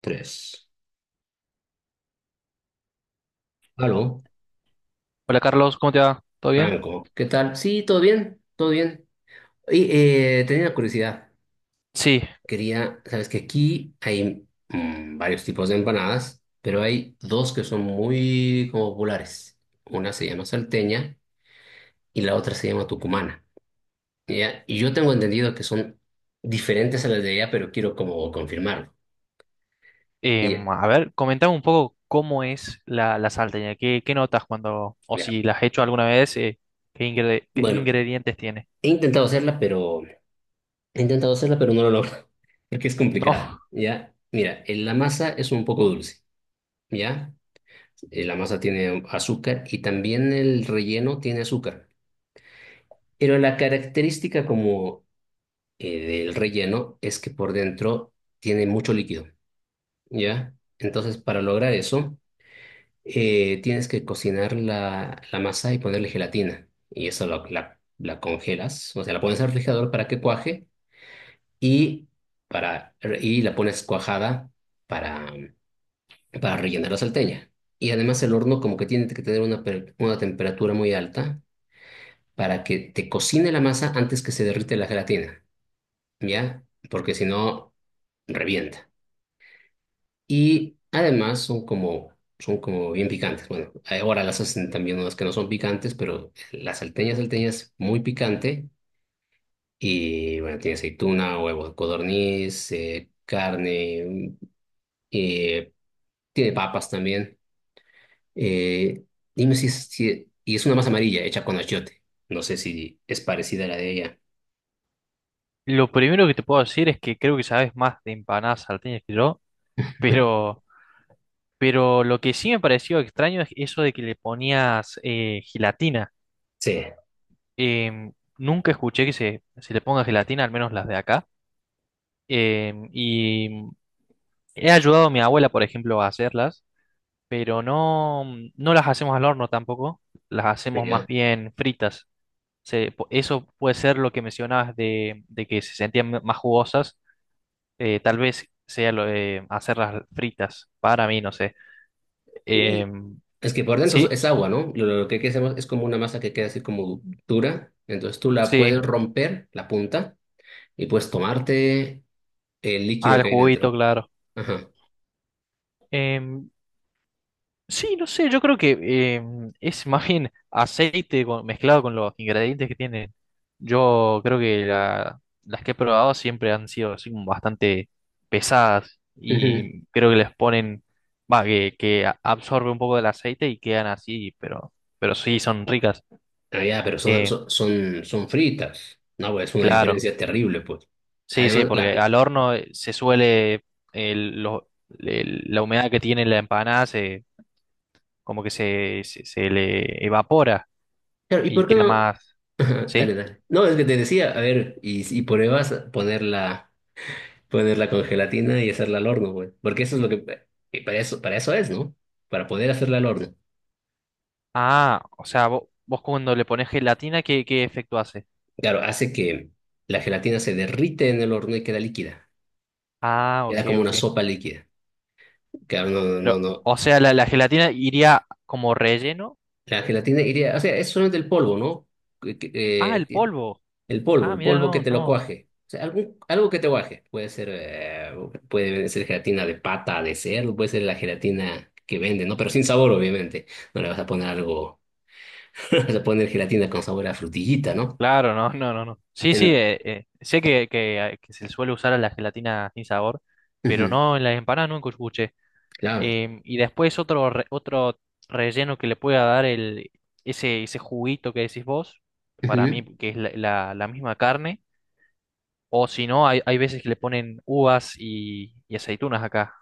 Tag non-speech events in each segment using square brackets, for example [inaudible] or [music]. Tres. Aló, Hola Carlos, ¿cómo te va? ¿Todo bien? Franco, ¿qué tal? Sí, todo bien, todo bien. Y tenía una curiosidad. Sí, Quería, sabes que aquí hay varios tipos de empanadas, pero hay dos que son muy como populares. Una se llama salteña y la otra se llama tucumana. ¿Ya? Y yo tengo entendido que son diferentes a las de allá, pero quiero como confirmarlo. Y, a ver, comentame un poco cómo es la salteña, qué notas cuando, o ya, si las has hecho alguna vez, qué, qué bueno, ingredientes tiene. he [laughs] intentado hacerla, pero he intentado hacerla, pero no lo logro, [laughs] porque es No, complicada, ¿ya? Mira, la masa es un poco dulce, ¿ya? La masa tiene azúcar y también el relleno tiene azúcar. Pero la característica como del relleno es que por dentro tiene mucho líquido, ¿ya? Entonces, para lograr eso, tienes que cocinar la masa y ponerle gelatina. Y eso la congelas, o sea, la pones al refrigerador para que cuaje y, para, y la pones cuajada para, para rellenar la salteña. Y además el horno como que tiene que tener una temperatura muy alta para que te cocine la masa antes que se derrite la gelatina, ¿ya? Porque si no, revienta. Y además son como, bien picantes. Bueno, ahora las hacen también unas que no son picantes, pero la salteña salteña es muy picante. Y bueno, tiene aceituna, huevo de codorniz, carne. eh, Tiene papas también. Eh, Dime si, si. Y es una masa amarilla hecha con achiote. No sé si es parecida a la de ella. lo primero que te puedo decir es que creo que sabes más de empanadas salteñas que yo, pero, pero lo que sí me pareció extraño es eso de que le ponías gelatina. Sí. Em, nunca escuché que se le ponga gelatina, al menos las de acá. Y he ayudado a mi abuela, por ejemplo, a hacerlas. Pero no, no las hacemos al horno tampoco, las hacemos más Ya. bien fritas. Eso puede ser lo que mencionabas de que se sentían más jugosas, tal vez sea lo de hacerlas fritas, para mí, no sé. Y Em, es que por dentro sí, es agua, ¿no? Lo que hay que hacer es como una masa que queda así como dura. Entonces tú la puedes sí, romper, la punta, y puedes tomarte el líquido al que hay dentro. juguito, claro. Ajá. Em, sí, no sé, yo creo que es más bien aceite mezclado con los ingredientes que tienen. Yo creo que las que he probado siempre han sido así como bastante pesadas Ujú. y creo que les ponen, va, que absorbe un poco del aceite y quedan así, pero sí son ricas. Ah, ya, pero son, Eh, son, son, son fritas. No, pues es una claro, diferencia terrible, pues. sí, sí, Además, la. porque al horno se suele, el- lo- la humedad que tiene la empanada se, como que se se le evapora Claro, ¿y y por qué queda no? más. Ajá, dale, ¿Sí? dale. No, es que te decía, a ver, y si pruebas ponerla con gelatina y hacerla al horno, güey. Porque eso es lo que, para eso es, ¿no? Para poder hacerla al horno. Ah, o sea, vos cuando le pones gelatina, ¿qué, qué efecto hace? Claro, hace que la gelatina se derrite en el horno y queda líquida. Ah, Queda ok, como una ok. sopa líquida. Claro, no, no, no, Pero, no. o sea, la gelatina iría como relleno. La gelatina iría, o sea, es solamente el polvo, ¿no? Que- que, Ah, el Eh, polvo. El polvo, Ah, el mira, polvo que no, te lo no. cuaje. O sea, algo que te cuaje. Puede ser gelatina de pata, de cerdo, puede ser la gelatina que venden, ¿no? Pero sin sabor, obviamente. No le vas a poner algo, [laughs] no le vas a poner gelatina con sabor a frutillita, ¿no? Claro, no, no, no, no. Sí, sí, En- sé que se suele usar a la gelatina sin sabor, pero Ujú, no en las empanadas, nunca escuché. claro. Y después otro, otro relleno que le pueda dar el, ese juguito que decís vos, para Ujú. mí que es la la misma carne. O si no, hay veces que le ponen uvas y aceitunas acá.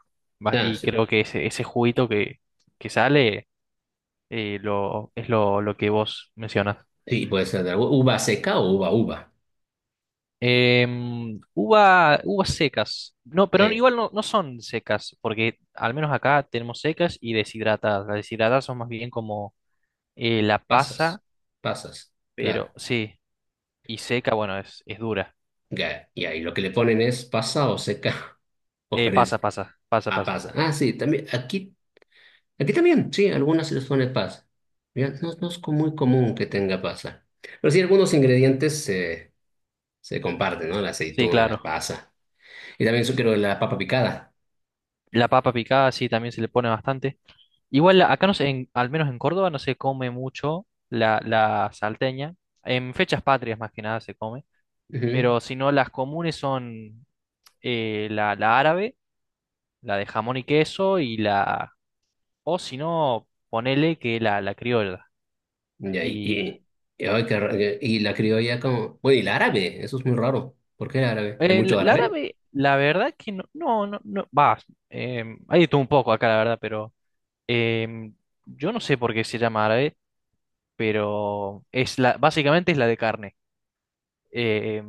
Va. Ah, Y sí. creo que ese juguito que sale es lo que vos mencionas. Sí, puede ser de uva seca o uva uva. Em, uva, uvas secas. No, pero Ahí, igual no, no son secas, porque al menos acá tenemos secas y deshidratadas. Las deshidratadas son más bien como la pasas, pasa, pasas, pero claro. sí, y seca, bueno, es dura. Ya, y ahí lo que le ponen es pasa o seca [laughs] o fresca. Ah, Pasa. pasa. Ah, sí, también aquí. Aquí también, sí, algunas situaciones pasa. Ya, no, no es muy común que tenga pasa. Pero sí, algunos ingredientes se comparten, ¿no? La Sí, aceituna, la claro. pasa. Y también yo quiero la papa picada. La papa picada, sí, también se le pone bastante. Igual acá no sé, al menos en Córdoba no se come mucho la salteña. En fechas patrias más que nada se come. Ujú. Pero si no, las comunes son la árabe, la de jamón y queso y la... O si no, ponele que la criolla. Ya. Y, Y y, y, ay, y la criolla como. Bueno, y la árabe, eso es muy raro. ¿Por qué el árabe? ¿Hay el, mucho la árabe? árabe, la verdad que no, no, no, va. Hay tú un poco acá, la verdad, pero em, yo no sé por qué se llama árabe, pero es la, básicamente es la de carne. Eh,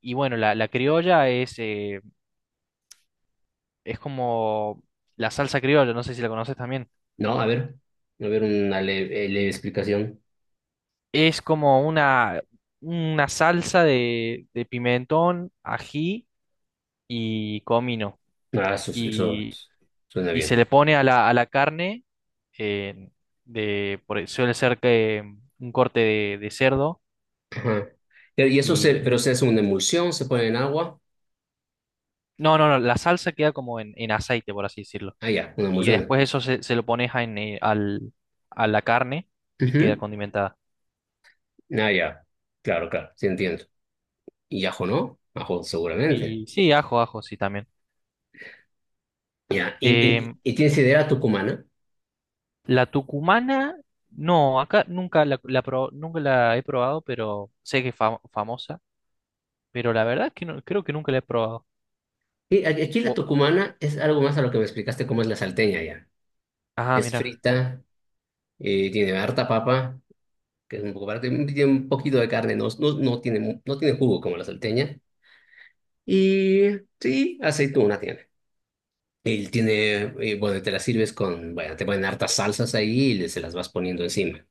y bueno, la criolla es como la salsa criolla, no sé si la conoces también. No, a ver. A ver, una leve explicación. Es como una salsa de pimentón, ají y comino. Ah, eso Y, suena y se le bien. pone a la carne, eh, de, suele ser que un corte de cerdo. Ajá. Y Pero se hace una emulsión, se pone en agua. no, no, no, la salsa queda como en aceite, por así decirlo. Ah, ya, una Y emulsión. después eso se, se lo pones a, en, a la carne y queda Ujú. condimentada. Ah, ya. Claro, claro, sí entiendo. Y ajo no, ajo seguramente. Y sí, ajo, ajo, sí, también. Ya, y, y, Em, y tienes sidera tucumana. la tucumana, no, acá nunca nunca la he probado, pero sé que es famosa, pero la verdad es que no, creo que nunca la he probado. Y aquí la Bo- tucumana es algo más a lo que me explicaste cómo es la salteña ya. ah, Es mira. frita, tiene harta papa, que es un poco parte, tiene un poquito de carne, no, no, no tiene jugo como la salteña. Y sí, aceituna tiene. Y tiene, bueno, te la sirves con, bueno, te ponen hartas salsas ahí y se las vas poniendo encima.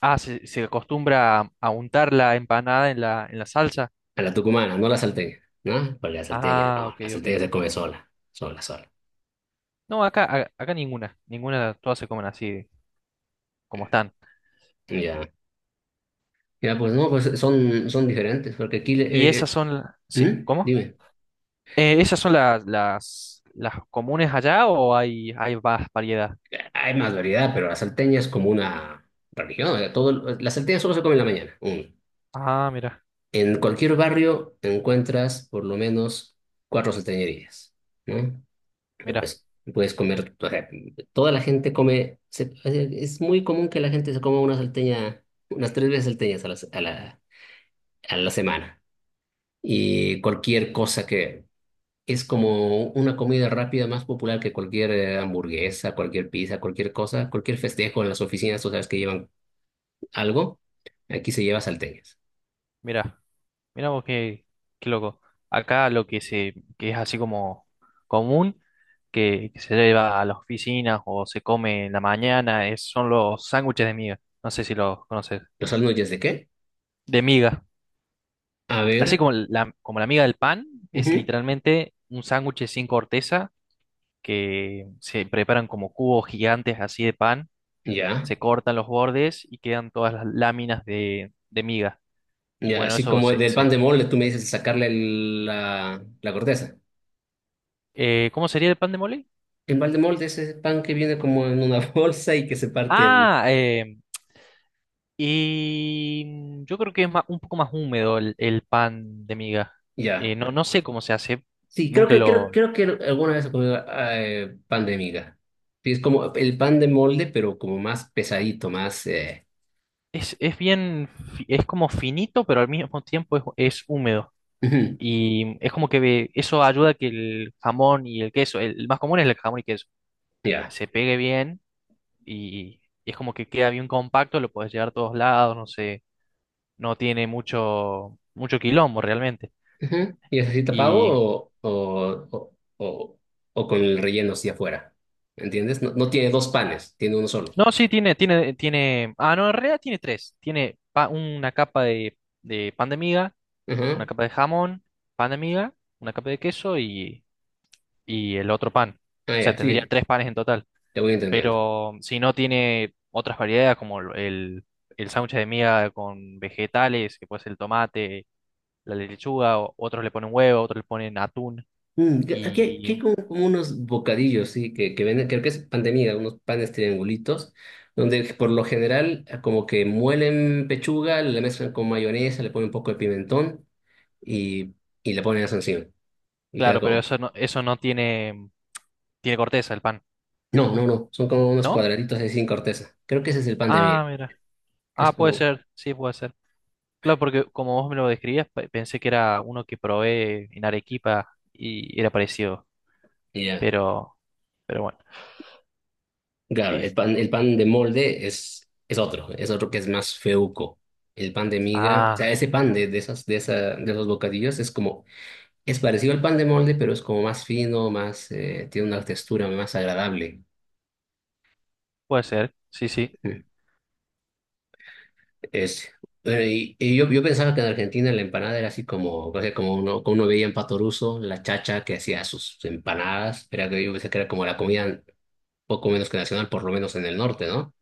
Ah, se acostumbra a untar la empanada en en la salsa. A la tucumana, no a la salteña, ¿no? Porque la salteña, Ah, no, ok, la salteña ok. se come sola, sola, sola. No, acá, acá ninguna, ninguna, todas se comen así como están. Ya. Ya, pues no, pues son diferentes, porque aquí. Y esas son, sí, ¿Mm? ¿cómo? Dime. ¿Esas son las comunes allá o hay más variedad? Hay más variedad, pero la salteña es como una religión, o sea, todo, la salteña solo se come en la mañana. Uno. Ah, mira, En cualquier barrio encuentras por lo menos cuatro salteñerías, ¿no? mira, Pues, puedes comer, o sea, toda la gente come, es muy común que la gente se coma una salteña, unas tres veces salteñas a la semana. Y cualquier cosa que es como una comida rápida más popular que cualquier hamburguesa, cualquier pizza, cualquier cosa, cualquier festejo en las oficinas, tú sabes que llevan algo, aquí se lleva salteñas. mira, mira vos qué, qué loco. Acá lo que se, que es así como común, que se lleva a las oficinas o se come en la mañana, son los sándwiches de miga. No sé si los conoces. ¿Los sándwiches de qué? De miga. A Así ver, como la miga del pan, es ujú, literalmente un sándwich sin corteza que se preparan como cubos gigantes así de pan, ya, se cortan los bordes y quedan todas las láminas de miga. Y ya, bueno, así eso como se... del pan de molde, tú me dices sacarle la corteza. ¿Cómo sería el pan de mole? El pan de molde es ese pan que viene como en una [laughs] bolsa y que se parte en. Ah, y mm, yo creo que es un poco más húmedo el pan de miga. Ya. No, no sé cómo se hace, Sí, creo nunca que, creo, lo... creo que alguna vez he comido pan de miga. Sí, es como el pan de molde, pero como más pesadito, más. Es bien, es como finito, pero al mismo tiempo es húmedo. Ujú. Y es como que eso ayuda a que el jamón y el queso, el más común es el jamón y queso, Ya. se pegue bien y, y es como que queda bien compacto, lo puedes llevar a todos lados, no sé, no tiene mucho, mucho quilombo realmente. Ujú. ¿Y es así tapado Y o, o con el relleno hacia afuera? ¿Entiendes? No, no tiene dos panes, tiene uno solo. no, sí, tiene, ah, no, en realidad tiene tres. Tiene una capa de pan de miga, una Ajá. capa de jamón, pan de miga, una capa de queso y el otro pan. Ah, O sea, ya, tendría sí, tres panes en total. te voy entendiendo. Pero si no tiene otras variedades como el sándwich de miga con vegetales, que puede ser el tomate, la lechuga, otros le ponen huevo, otros le ponen atún. Aquí, Y aquí hay como unos bocadillos, sí, que venden, creo que es pandemia unos panes triangulitos, donde por lo general como que muelen pechuga, la mezclan con mayonesa, le ponen un poco de pimentón y, y le ponen eso encima. Y queda claro, pero como. Eso no tiene, tiene corteza el pan, No, no, no, son como unos ¿no? cuadraditos así sin corteza. Creo que ese es el pan de miga, Ah, mira. que es Ah, puede como. ser, sí, puede ser. Claro, porque como vos me lo describías, pensé que era uno que probé en Arequipa y era parecido, Y ya, pero, pero bueno, claro, el pan, esto. el pan de molde es otro que es más feuco. El pan de miga, o sea, Ah, ese pan de esas, de esa, de esos bocadillos es como. Es parecido al pan de molde, pero es como más fino, más, tiene una textura más agradable. puede ser, sí, sí. Es, eh, y yo pensaba que en Argentina la empanada era así como, o sea, como uno veía en Pato Russo, la chacha que hacía sus empanadas, era que yo pensé que era como la comida poco menos que nacional, por lo menos en el norte, ¿no?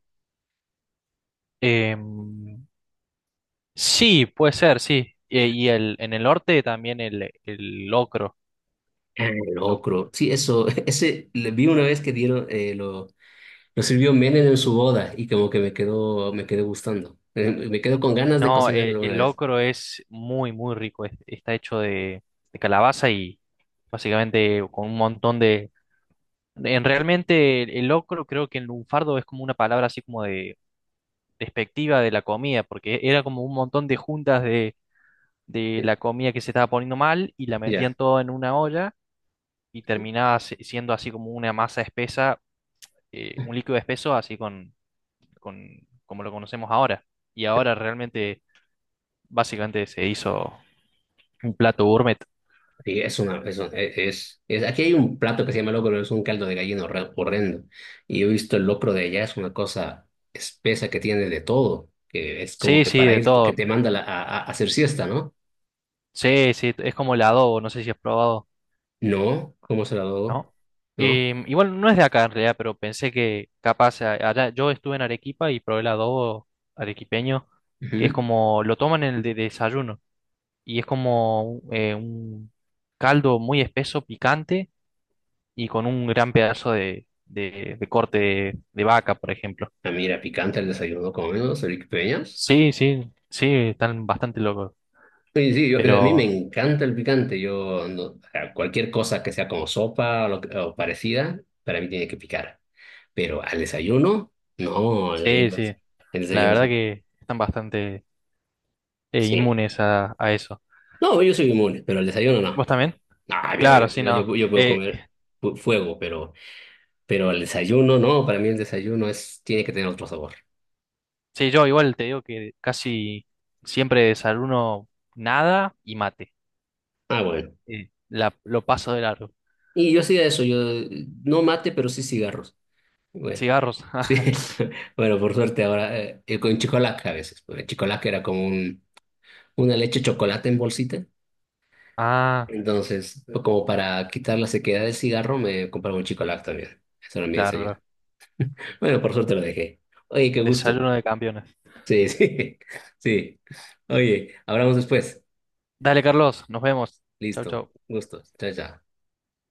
Em, sí, puede ser, sí. Y el, en el norte también el locro. Ah, el locro. Sí, eso, [laughs] ese le vi una vez que dieron, lo sirvió Menem en su boda y como que me quedó gustando. Me quedó con ganas de No, cocinarlo una el vez. locro es muy, muy rico. Está hecho de calabaza y básicamente con un montón de... En realmente el locro creo que en lunfardo es como una palabra así como de despectiva de la comida, porque era como un montón de juntas de Eh, la comida que se estaba poniendo mal y la Ya. metían todo en una olla y terminaba siendo así como una masa espesa, un líquido espeso así con como lo conocemos ahora. Y ahora realmente básicamente se hizo un plato gourmet. Sí, es una, es, un- e, es- aquí hay un plato que se llama locro, pero es un caldo de gallina horrendo. Y he visto el locro de allá, es una cosa espesa que tiene de todo, que es como Sí, que sí, para de ir, que todo. te manda a hacer siesta, ¿no? Sí, sí, es como el adobo, no sé si has probado. No, ¿cómo se la doy? ¿No? ¿No? Y, igual no es de acá en realidad, pero pensé que capaz allá, yo estuve en Arequipa y probé el adobo arequipeño, que es Ujú. como, lo toman en el desayuno, y es como un caldo muy espeso, picante, y con un gran pedazo de corte de vaca, por ejemplo. Ah, mira, picante el desayuno, con menos, Eric Peñas. Sí, sí, sí, están bastante locos, Sí, sí, a mí me pero encanta el picante. Yo, o sea, cualquier cosa que sea como sopa o parecida, para mí tiene que picar. Pero al desayuno, no, al sí, desayuno, sí, el la desayuno verdad sí. que están bastante... Sí. inmunes a eso. No, yo soy inmune, pero al desayuno ¿Vos no. también? Ah, yo, yo, Claro, sí, yo, no. yo- yo puedo comer fuego, pero al desayuno no, para mí el desayuno tiene que tener otro sabor. Sí, yo igual te digo que casi siempre desayuno nada y mate. Ah, bueno. Lo paso de largo. Y yo hacía eso, yo no mate, pero sí cigarros. Bueno, Cigarros. sí, [laughs] [laughs] bueno, por suerte ahora, con chicolac a veces, porque el chicolac era como una leche chocolate en bolsita, Ah, entonces, sí, como para quitar la sequedad del cigarro, me compraba un chicolac también, eso era mi claro, desayuno. claro. Bueno, por suerte lo dejé. Oye, qué gusto. Desayuno de campeones. Sí, sí, [laughs] sí. Oye, hablamos después. Dale, Carlos, nos vemos. Chau, Listo, chau. gustos. Chao, chao.